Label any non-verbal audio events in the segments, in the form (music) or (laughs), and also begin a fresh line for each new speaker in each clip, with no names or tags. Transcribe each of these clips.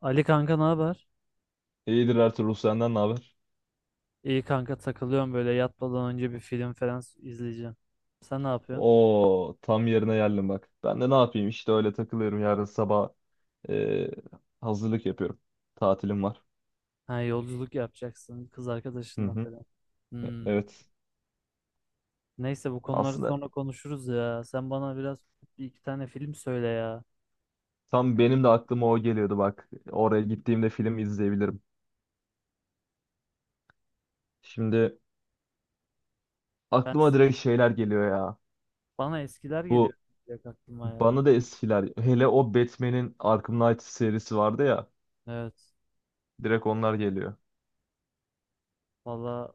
Ali kanka ne haber?
İyidir Ertuğrul, senden ne haber?
İyi kanka takılıyorum böyle yatmadan önce bir film falan izleyeceğim. Sen ne yapıyorsun?
Oo, tam yerine geldim bak. Ben de ne yapayım işte, öyle takılıyorum. Yarın sabah e, hazırlık yapıyorum. Tatilim var.
Ha yolculuk yapacaksın kız
Hı
arkadaşınla
hı.
falan. Hmm.
Evet.
Neyse bu konuları
Aslında
sonra konuşuruz ya. Sen bana biraz bir iki tane film söyle ya.
tam benim de aklıma o geliyordu bak. Oraya gittiğimde film izleyebilirim. Şimdi
Ben
aklıma direkt şeyler geliyor ya.
Bana eskiler geliyor
Bu
direkt aklıma ya.
bana da eskiler, hele o Batman'in Arkham Knight serisi vardı ya.
Evet.
Direkt onlar geliyor.
Valla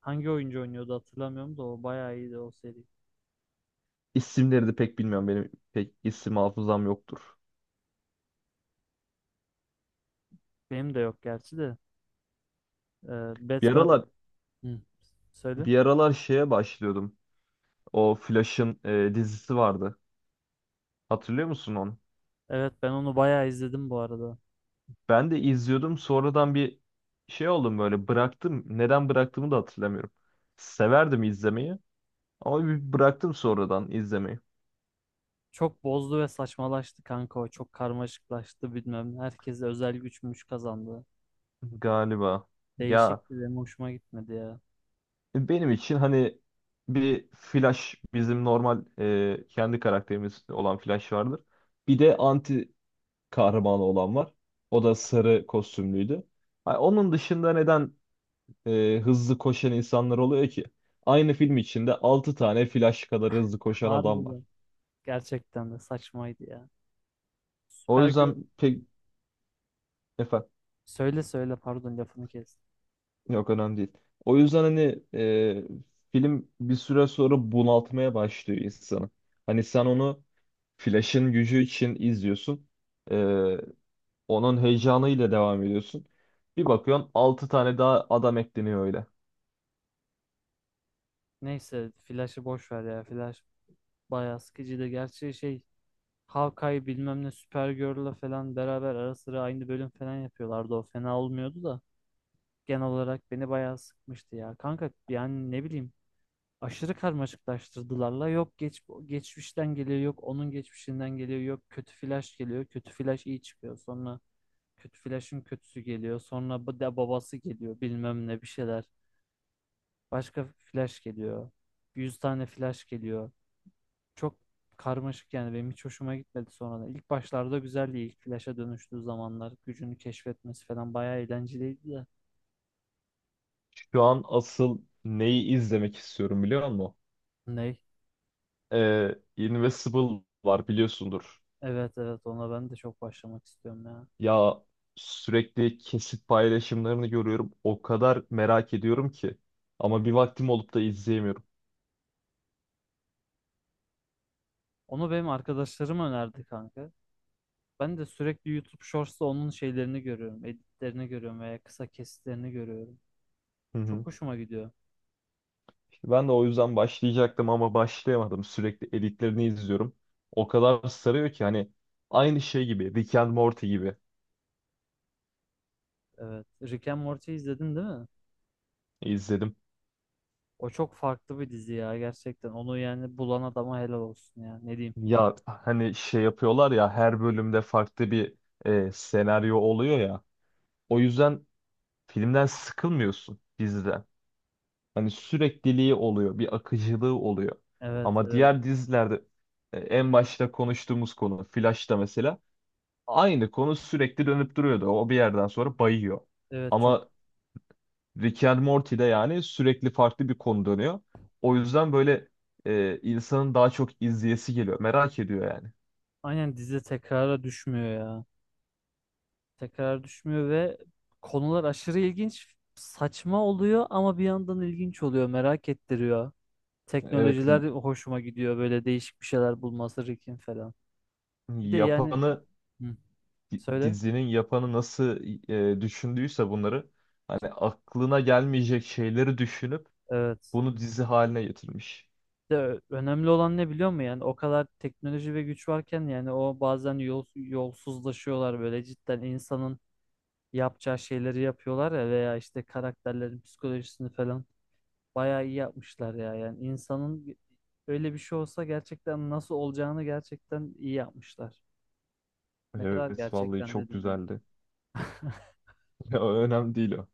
hangi oyuncu oynuyordu hatırlamıyorum da o bayağı iyiydi o seri.
İsimleri de pek bilmiyorum, benim pek isim hafızam yoktur.
Benim de yok gerçi de. Ee,
Bir
Batman.
aralar
Hı, söyle.
Bir aralar şeye başlıyordum. O Flash'ın dizisi vardı. Hatırlıyor musun onu?
Evet ben onu bayağı izledim bu arada.
Ben de izliyordum. Sonradan bir şey oldum, böyle bıraktım. Neden bıraktığımı da hatırlamıyorum. Severdim izlemeyi ama bir bıraktım sonradan izlemeyi.
Çok bozdu ve saçmalaştı kanka o. Çok karmaşıklaştı bilmem ne. Herkese özel güçmüş kazandı.
Galiba. Ya
Değişikti, benim hoşuma gitmedi ya.
benim için hani bir Flash, bizim normal kendi karakterimiz olan Flash vardır. Bir de anti kahramanı olan var. O da sarı kostümlüydü. Ha, onun dışında neden hızlı koşan insanlar oluyor ki aynı film içinde 6 tane Flash kadar hızlı koşan adam var.
Harbiden. Gerçekten de saçmaydı ya.
O
Süper gö-
yüzden pek efendim,
Söyle söyle, pardon lafını kes.
yok önemli değil. O yüzden hani film bir süre sonra bunaltmaya başlıyor insanı. Hani sen onu Flash'ın gücü için izliyorsun. E, Onun heyecanıyla devam ediyorsun. Bir bakıyorsun 6 tane daha adam ekleniyor öyle.
Neyse Flash'ı boş ver ya. Flash bayağı sıkıcıydı. Gerçi şey, Hawkeye bilmem ne Supergirl'la falan beraber ara sıra aynı bölüm falan yapıyorlardı. O fena olmuyordu da. Genel olarak beni bayağı sıkmıştı ya. Kanka yani ne bileyim, aşırı karmaşıklaştırdılarla. Yok geçmişten geliyor, yok onun geçmişinden geliyor, yok kötü flash geliyor. Kötü flash iyi çıkıyor. Sonra kötü flash'ın kötüsü geliyor. Sonra bu da babası geliyor bilmem ne bir şeyler. Başka flash geliyor. 100 tane flash geliyor. Çok karmaşık, yani benim hiç hoşuma gitmedi sonradan. İlk başlarda güzeldi. İlk flash'a dönüştüğü zamanlar gücünü keşfetmesi falan bayağı eğlenceliydi de.
Şu an asıl neyi izlemek istiyorum biliyor musun?
Ney?
Invincible var biliyorsundur.
Evet evet, ona ben de çok başlamak istiyorum ya.
Ya sürekli kesit paylaşımlarını görüyorum. O kadar merak ediyorum ki. Ama bir vaktim olup da izleyemiyorum.
Onu benim arkadaşlarım önerdi kanka. Ben de sürekli YouTube Shorts'ta onun şeylerini görüyorum. Editlerini görüyorum veya kısa kesitlerini görüyorum.
Hı hı.
Çok hoşuma gidiyor.
İşte ben de o yüzden başlayacaktım ama başlayamadım. Sürekli editlerini izliyorum. O kadar sarıyor ki, hani aynı şey gibi, Rick and Morty gibi
Evet. Rick and Morty izledin değil mi?
izledim.
O çok farklı bir dizi ya gerçekten. Onu yani bulan adama helal olsun ya. Ne diyeyim?
Ya hani şey yapıyorlar ya, her bölümde farklı bir senaryo oluyor ya. O yüzden filmden sıkılmıyorsun, diziden. Hani sürekliliği oluyor, bir akıcılığı oluyor.
Evet,
Ama
evet.
diğer dizilerde en başta konuştuğumuz konu Flash'ta mesela aynı konu sürekli dönüp duruyordu. O bir yerden sonra bayıyor.
Evet çok,
Ama Rick and Morty'de yani sürekli farklı bir konu dönüyor. O yüzden böyle insanın daha çok izleyesi geliyor. Merak ediyor yani.
aynen dizi tekrara düşmüyor ya. Tekrar düşmüyor ve konular aşırı ilginç, saçma oluyor ama bir yandan ilginç oluyor. Merak ettiriyor.
Evet,
Teknolojiler hoşuma gidiyor. Böyle değişik bir şeyler bulması Rick'in falan. Bir de yani,
yapanı,
hı, söyle.
dizinin yapanı nasıl düşündüyse bunları, hani aklına gelmeyecek şeyleri düşünüp
Evet.
bunu dizi haline getirmiş.
Bir de önemli olan ne biliyor musun? Yani o kadar teknoloji ve güç varken yani o bazen yolsuzlaşıyorlar böyle cidden insanın yapacağı şeyleri yapıyorlar ya, veya işte karakterlerin psikolojisini falan bayağı iyi yapmışlar ya. Yani insanın öyle bir şey olsa gerçekten nasıl olacağını gerçekten iyi yapmışlar. Ne kadar
Evet vallahi
gerçekten
çok
dedim yani.
güzeldi.
(laughs)
(laughs) Ya, önemli değil o.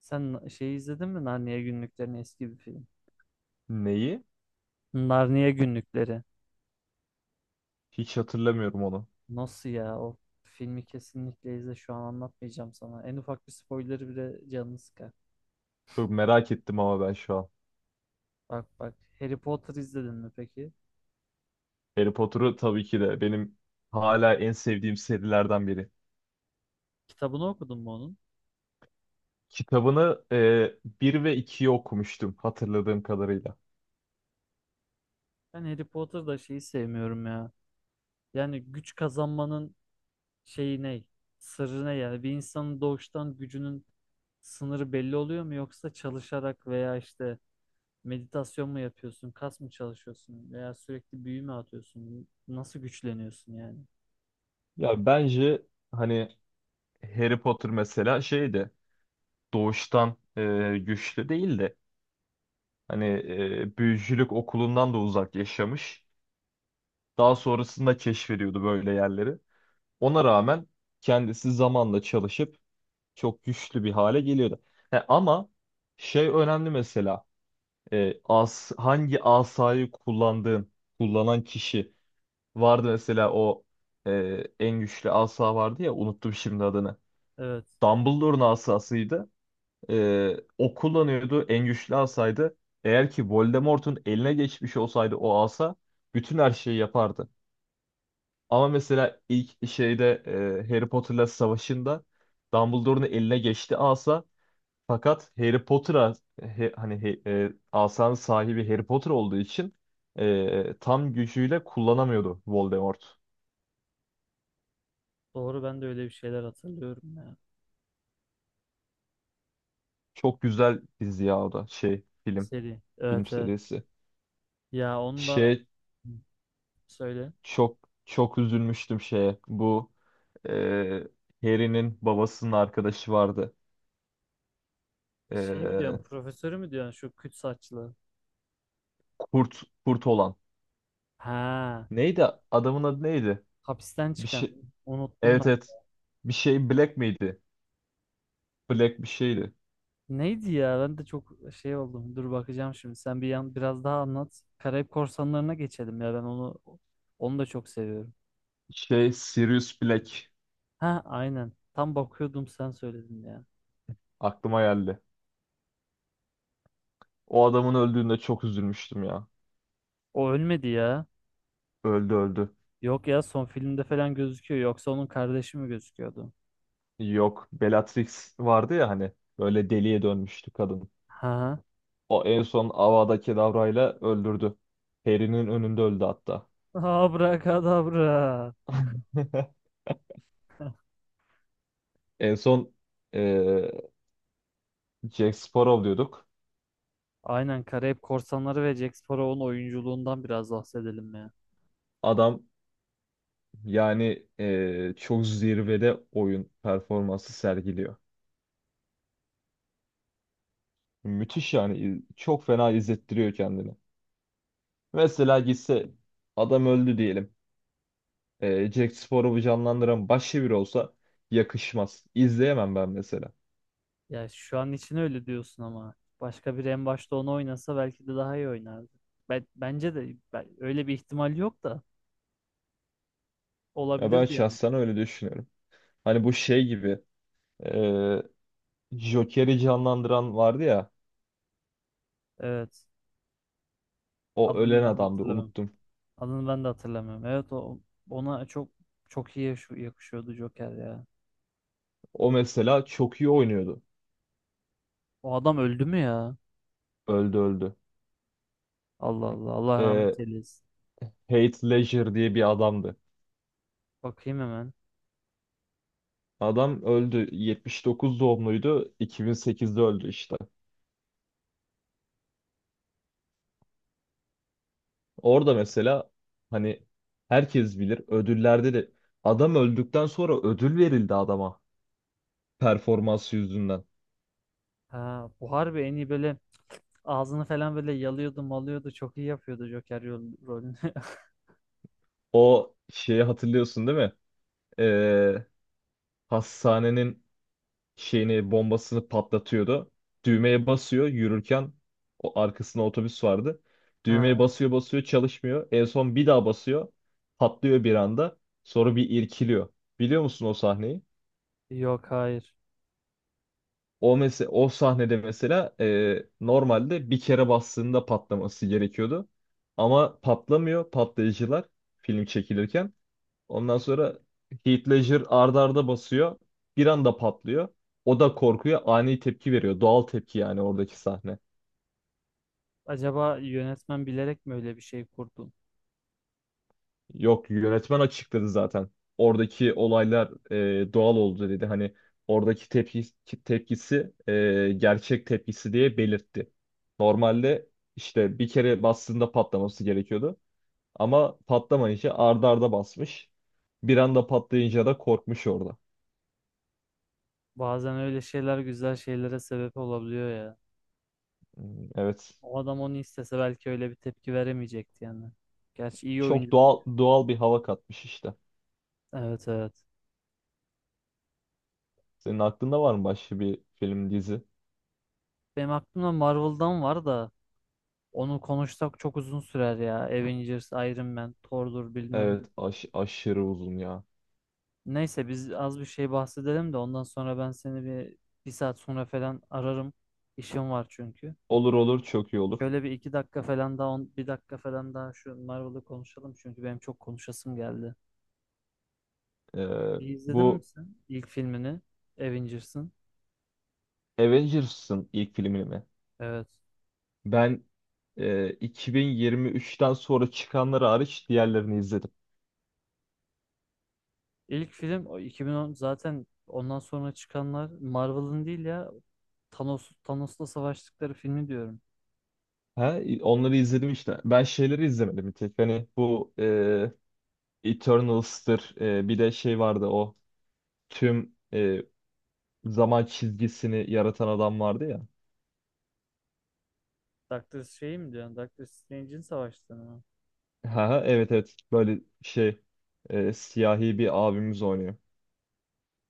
Sen şeyi izledin mi? Narnia Günlüklerini, eski bir film.
Neyi?
Narnia Günlükleri.
Hiç hatırlamıyorum onu.
Nasıl ya? O filmi kesinlikle izle. Şu an anlatmayacağım sana. En ufak bir spoiler'ı bile canını sıkar.
Çok merak ettim ama ben şu an.
Bak bak. Harry Potter izledin mi peki?
Harry Potter'ı tabii ki de, benim hala en sevdiğim serilerden biri.
Kitabını okudun mu onun?
Kitabını 1 ve 2'yi okumuştum hatırladığım kadarıyla.
Ben Harry Potter'da şeyi sevmiyorum ya. Yani güç kazanmanın şeyi ne? Sırrı ne yani? Bir insanın doğuştan gücünün sınırı belli oluyor mu? Yoksa çalışarak veya işte meditasyon mu yapıyorsun? Kas mı çalışıyorsun? Veya sürekli büyü mü atıyorsun? Nasıl güçleniyorsun yani?
Ya bence hani Harry Potter mesela şeydi, doğuştan güçlü değil de hani büyücülük okulundan da uzak yaşamış. Daha sonrasında keşfediyordu böyle yerleri. Ona rağmen kendisi zamanla çalışıp çok güçlü bir hale geliyordu. He, ama şey önemli mesela, hangi asayı kullandığın, kullanan kişi vardı mesela. O e, en güçlü asa vardı ya, unuttum şimdi adını.
Evet.
Dumbledore'un asasıydı. O kullanıyordu, en güçlü asaydı. Eğer ki Voldemort'un eline geçmiş olsaydı o asa bütün her şeyi yapardı. Ama mesela ilk şeyde Harry Potter'la savaşında Dumbledore'un eline geçti asa, fakat Harry Potter'a, asanın sahibi Harry Potter olduğu için tam gücüyle kullanamıyordu Voldemort.
Doğru, ben de öyle bir şeyler hatırlıyorum ya.
Çok güzel dizi ya, o da şey, film,
Seri. Evet
film
evet.
serisi.
Ya onu da,
Şey,
hı, söyle.
çok çok üzülmüştüm şeye, bu e, Harry'nin babasının arkadaşı vardı.
Şey mi diyorsun?
E,
Profesörü mü diyorsun? Şu küt saçlı.
kurt olan.
Ha.
Neydi, adamın adı neydi?
Hapisten
Bir
çıkan.
şey.
Unuttum
Evet
ben.
evet. Bir şey Black miydi? Black bir şeydi.
Neydi ya? Ben de çok şey oldum. Dur bakacağım şimdi. Sen bir yan biraz daha anlat. Karayip Korsanları'na geçelim ya. Ben onu da çok seviyorum.
Şey, Sirius Black
Ha aynen. Tam bakıyordum sen söyledin ya.
aklıma geldi. O adamın öldüğünde çok üzülmüştüm ya.
O ölmedi ya.
Öldü öldü.
Yok ya, son filmde falan gözüküyor. Yoksa onun kardeşi mi gözüküyordu?
Yok, Bellatrix vardı ya hani, böyle deliye dönmüştü kadın.
Ha.
O en son Avada Kedavra'yla öldürdü. Harry'nin önünde öldü hatta.
Abrakadabra.
(laughs)
(laughs)
En son eee Jack Sparrow diyorduk.
Aynen, Karayip Korsanları ve Jack Sparrow'un oyunculuğundan biraz bahsedelim ya.
Adam yani çok zirvede oyun performansı sergiliyor. Müthiş yani. Çok fena izlettiriyor kendini. Mesela gitse, adam öldü diyelim. Jack Sparrow'u canlandıran başka biri olsa yakışmaz. İzleyemem ben mesela.
Ya şu an için öyle diyorsun ama başka biri en başta onu oynasa belki de daha iyi oynardı. Ben, bence de öyle bir ihtimal yok da
Ya ben
olabilirdi yani.
şahsen öyle düşünüyorum. Hani bu şey gibi, e, Joker'i canlandıran vardı ya.
Evet.
O ölen
Adını ben de
adamdı,
hatırlamıyorum.
unuttum.
Adını ben de hatırlamıyorum. Evet o ona çok çok iyi yakışıyordu Joker ya.
O mesela çok iyi oynuyordu.
O adam öldü mü ya?
Öldü öldü.
Allah Allah, Allah rahmet
E,
eylesin.
Heath Ledger diye bir adamdı.
Bakayım hemen.
Adam öldü. 79 doğumluydu. 2008'de öldü işte. Orada mesela hani herkes bilir, ödüllerde de adam öldükten sonra ödül verildi adama, performans yüzünden.
Ha, bu harbi en iyi böyle ağzını falan böyle yalıyordu malıyordu. Çok iyi yapıyordu Joker rolünü. (laughs)
O şeyi hatırlıyorsun değil mi? Ee, Hastanenin şeyini, bombasını patlatıyordu. Düğmeye basıyor yürürken, o, arkasında otobüs vardı. Düğmeye
Ha,
basıyor basıyor, çalışmıyor. En son bir daha basıyor. Patlıyor bir anda. Sonra bir irkiliyor. Biliyor musun o sahneyi?
yok hayır.
O mesela o sahnede mesela, normalde bir kere bastığında patlaması gerekiyordu. Ama patlamıyor patlayıcılar, film çekilirken. Ondan sonra Heath Ledger arda arda basıyor. Bir anda patlıyor. O da korkuyor, ani tepki veriyor. Doğal tepki, yani oradaki sahne.
Acaba yönetmen bilerek mi öyle bir şey kurdu?
Yok, yönetmen açıkladı zaten. Oradaki olaylar doğal oldu dedi. Hani oradaki tepkisi gerçek tepkisi diye belirtti. Normalde işte bir kere bastığında patlaması gerekiyordu. Ama patlamayınca arda arda basmış. Bir anda patlayınca da korkmuş orada.
Bazen öyle şeyler güzel şeylere sebep olabiliyor ya.
Hmm. Evet.
O adam onu istese belki öyle bir tepki veremeyecekti yani. Gerçi iyi
Çok
oyuncu.
doğal bir hava katmış işte.
Evet evet.
Senin aklında var mı başka bir film, dizi?
Benim aklımda Marvel'dan var da onu konuşsak çok uzun sürer ya. Avengers, Iron Man, Thor'dur bilmem.
Evet, aşırı uzun ya.
Neyse biz az bir şey bahsedelim de ondan sonra ben seni bir saat sonra falan ararım. İşim var çünkü.
Olur olur, çok iyi olur.
Şöyle bir iki dakika falan daha bir dakika falan daha şu Marvel'ı konuşalım çünkü benim çok konuşasım geldi.
Ee,
İyi, İzledin mi
Bu
sen ilk filmini? Avengers'ın.
Avengers'ın ilk filmini mi?
Evet.
Ben 2023'ten sonra çıkanları hariç diğerlerini izledim.
İlk film o 2010, zaten ondan sonra çıkanlar Marvel'ın değil ya. Thanos'la savaştıkları filmi diyorum.
Ha, onları izledim işte. Ben şeyleri izlemedim bir tek. Hani bu Eternals'tır. Bir de şey vardı, o tüm zaman çizgisini yaratan adam vardı ya.
Doctor şey mi diyorsun? Doctor Strange'in savaştığını mı?
Ha, ha, evet evet. Böyle şey, siyahi bir abimiz oynuyor.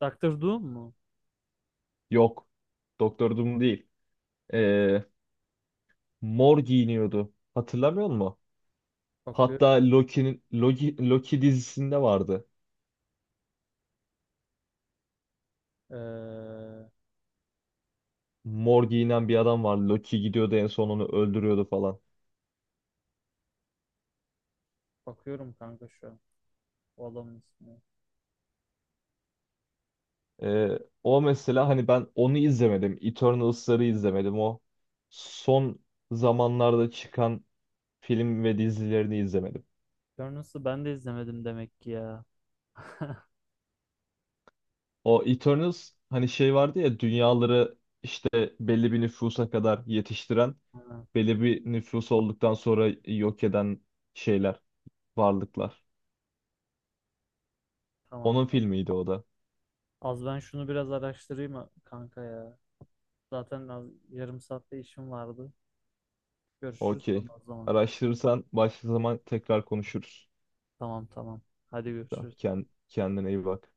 Doctor Doom mu?
Yok. Doktor Doom değil. E, Mor giyiniyordu. Hatırlamıyor musun?
Bakıyorum.
Hatta Loki'nin, Loki dizisinde vardı.
Ee,
Mor giyinen bir adam var. Loki gidiyordu, en son onu öldürüyordu falan.
Bakıyorum kanka şu an. O adamın ismini.
O mesela hani ben onu izlemedim. Eternals'ları izlemedim. O son zamanlarda çıkan film ve dizilerini izlemedim.
Burners'ı ben de izlemedim demek ki ya.
O Eternals, hani şey vardı ya, dünyaları işte belli bir nüfusa kadar yetiştiren,
Ha,
belli bir nüfus olduktan sonra yok eden şeyler, varlıklar.
tamam.
Onun filmiydi o da.
Az ben şunu biraz araştırayım kanka ya. Zaten az, yarım saatte işim vardı. Görüşürüz
Okey.
sonra o zaman.
Araştırırsan başka zaman tekrar konuşuruz.
Tamam tamam. Hadi
Tamam.
görüşürüz.
Kendine iyi bak.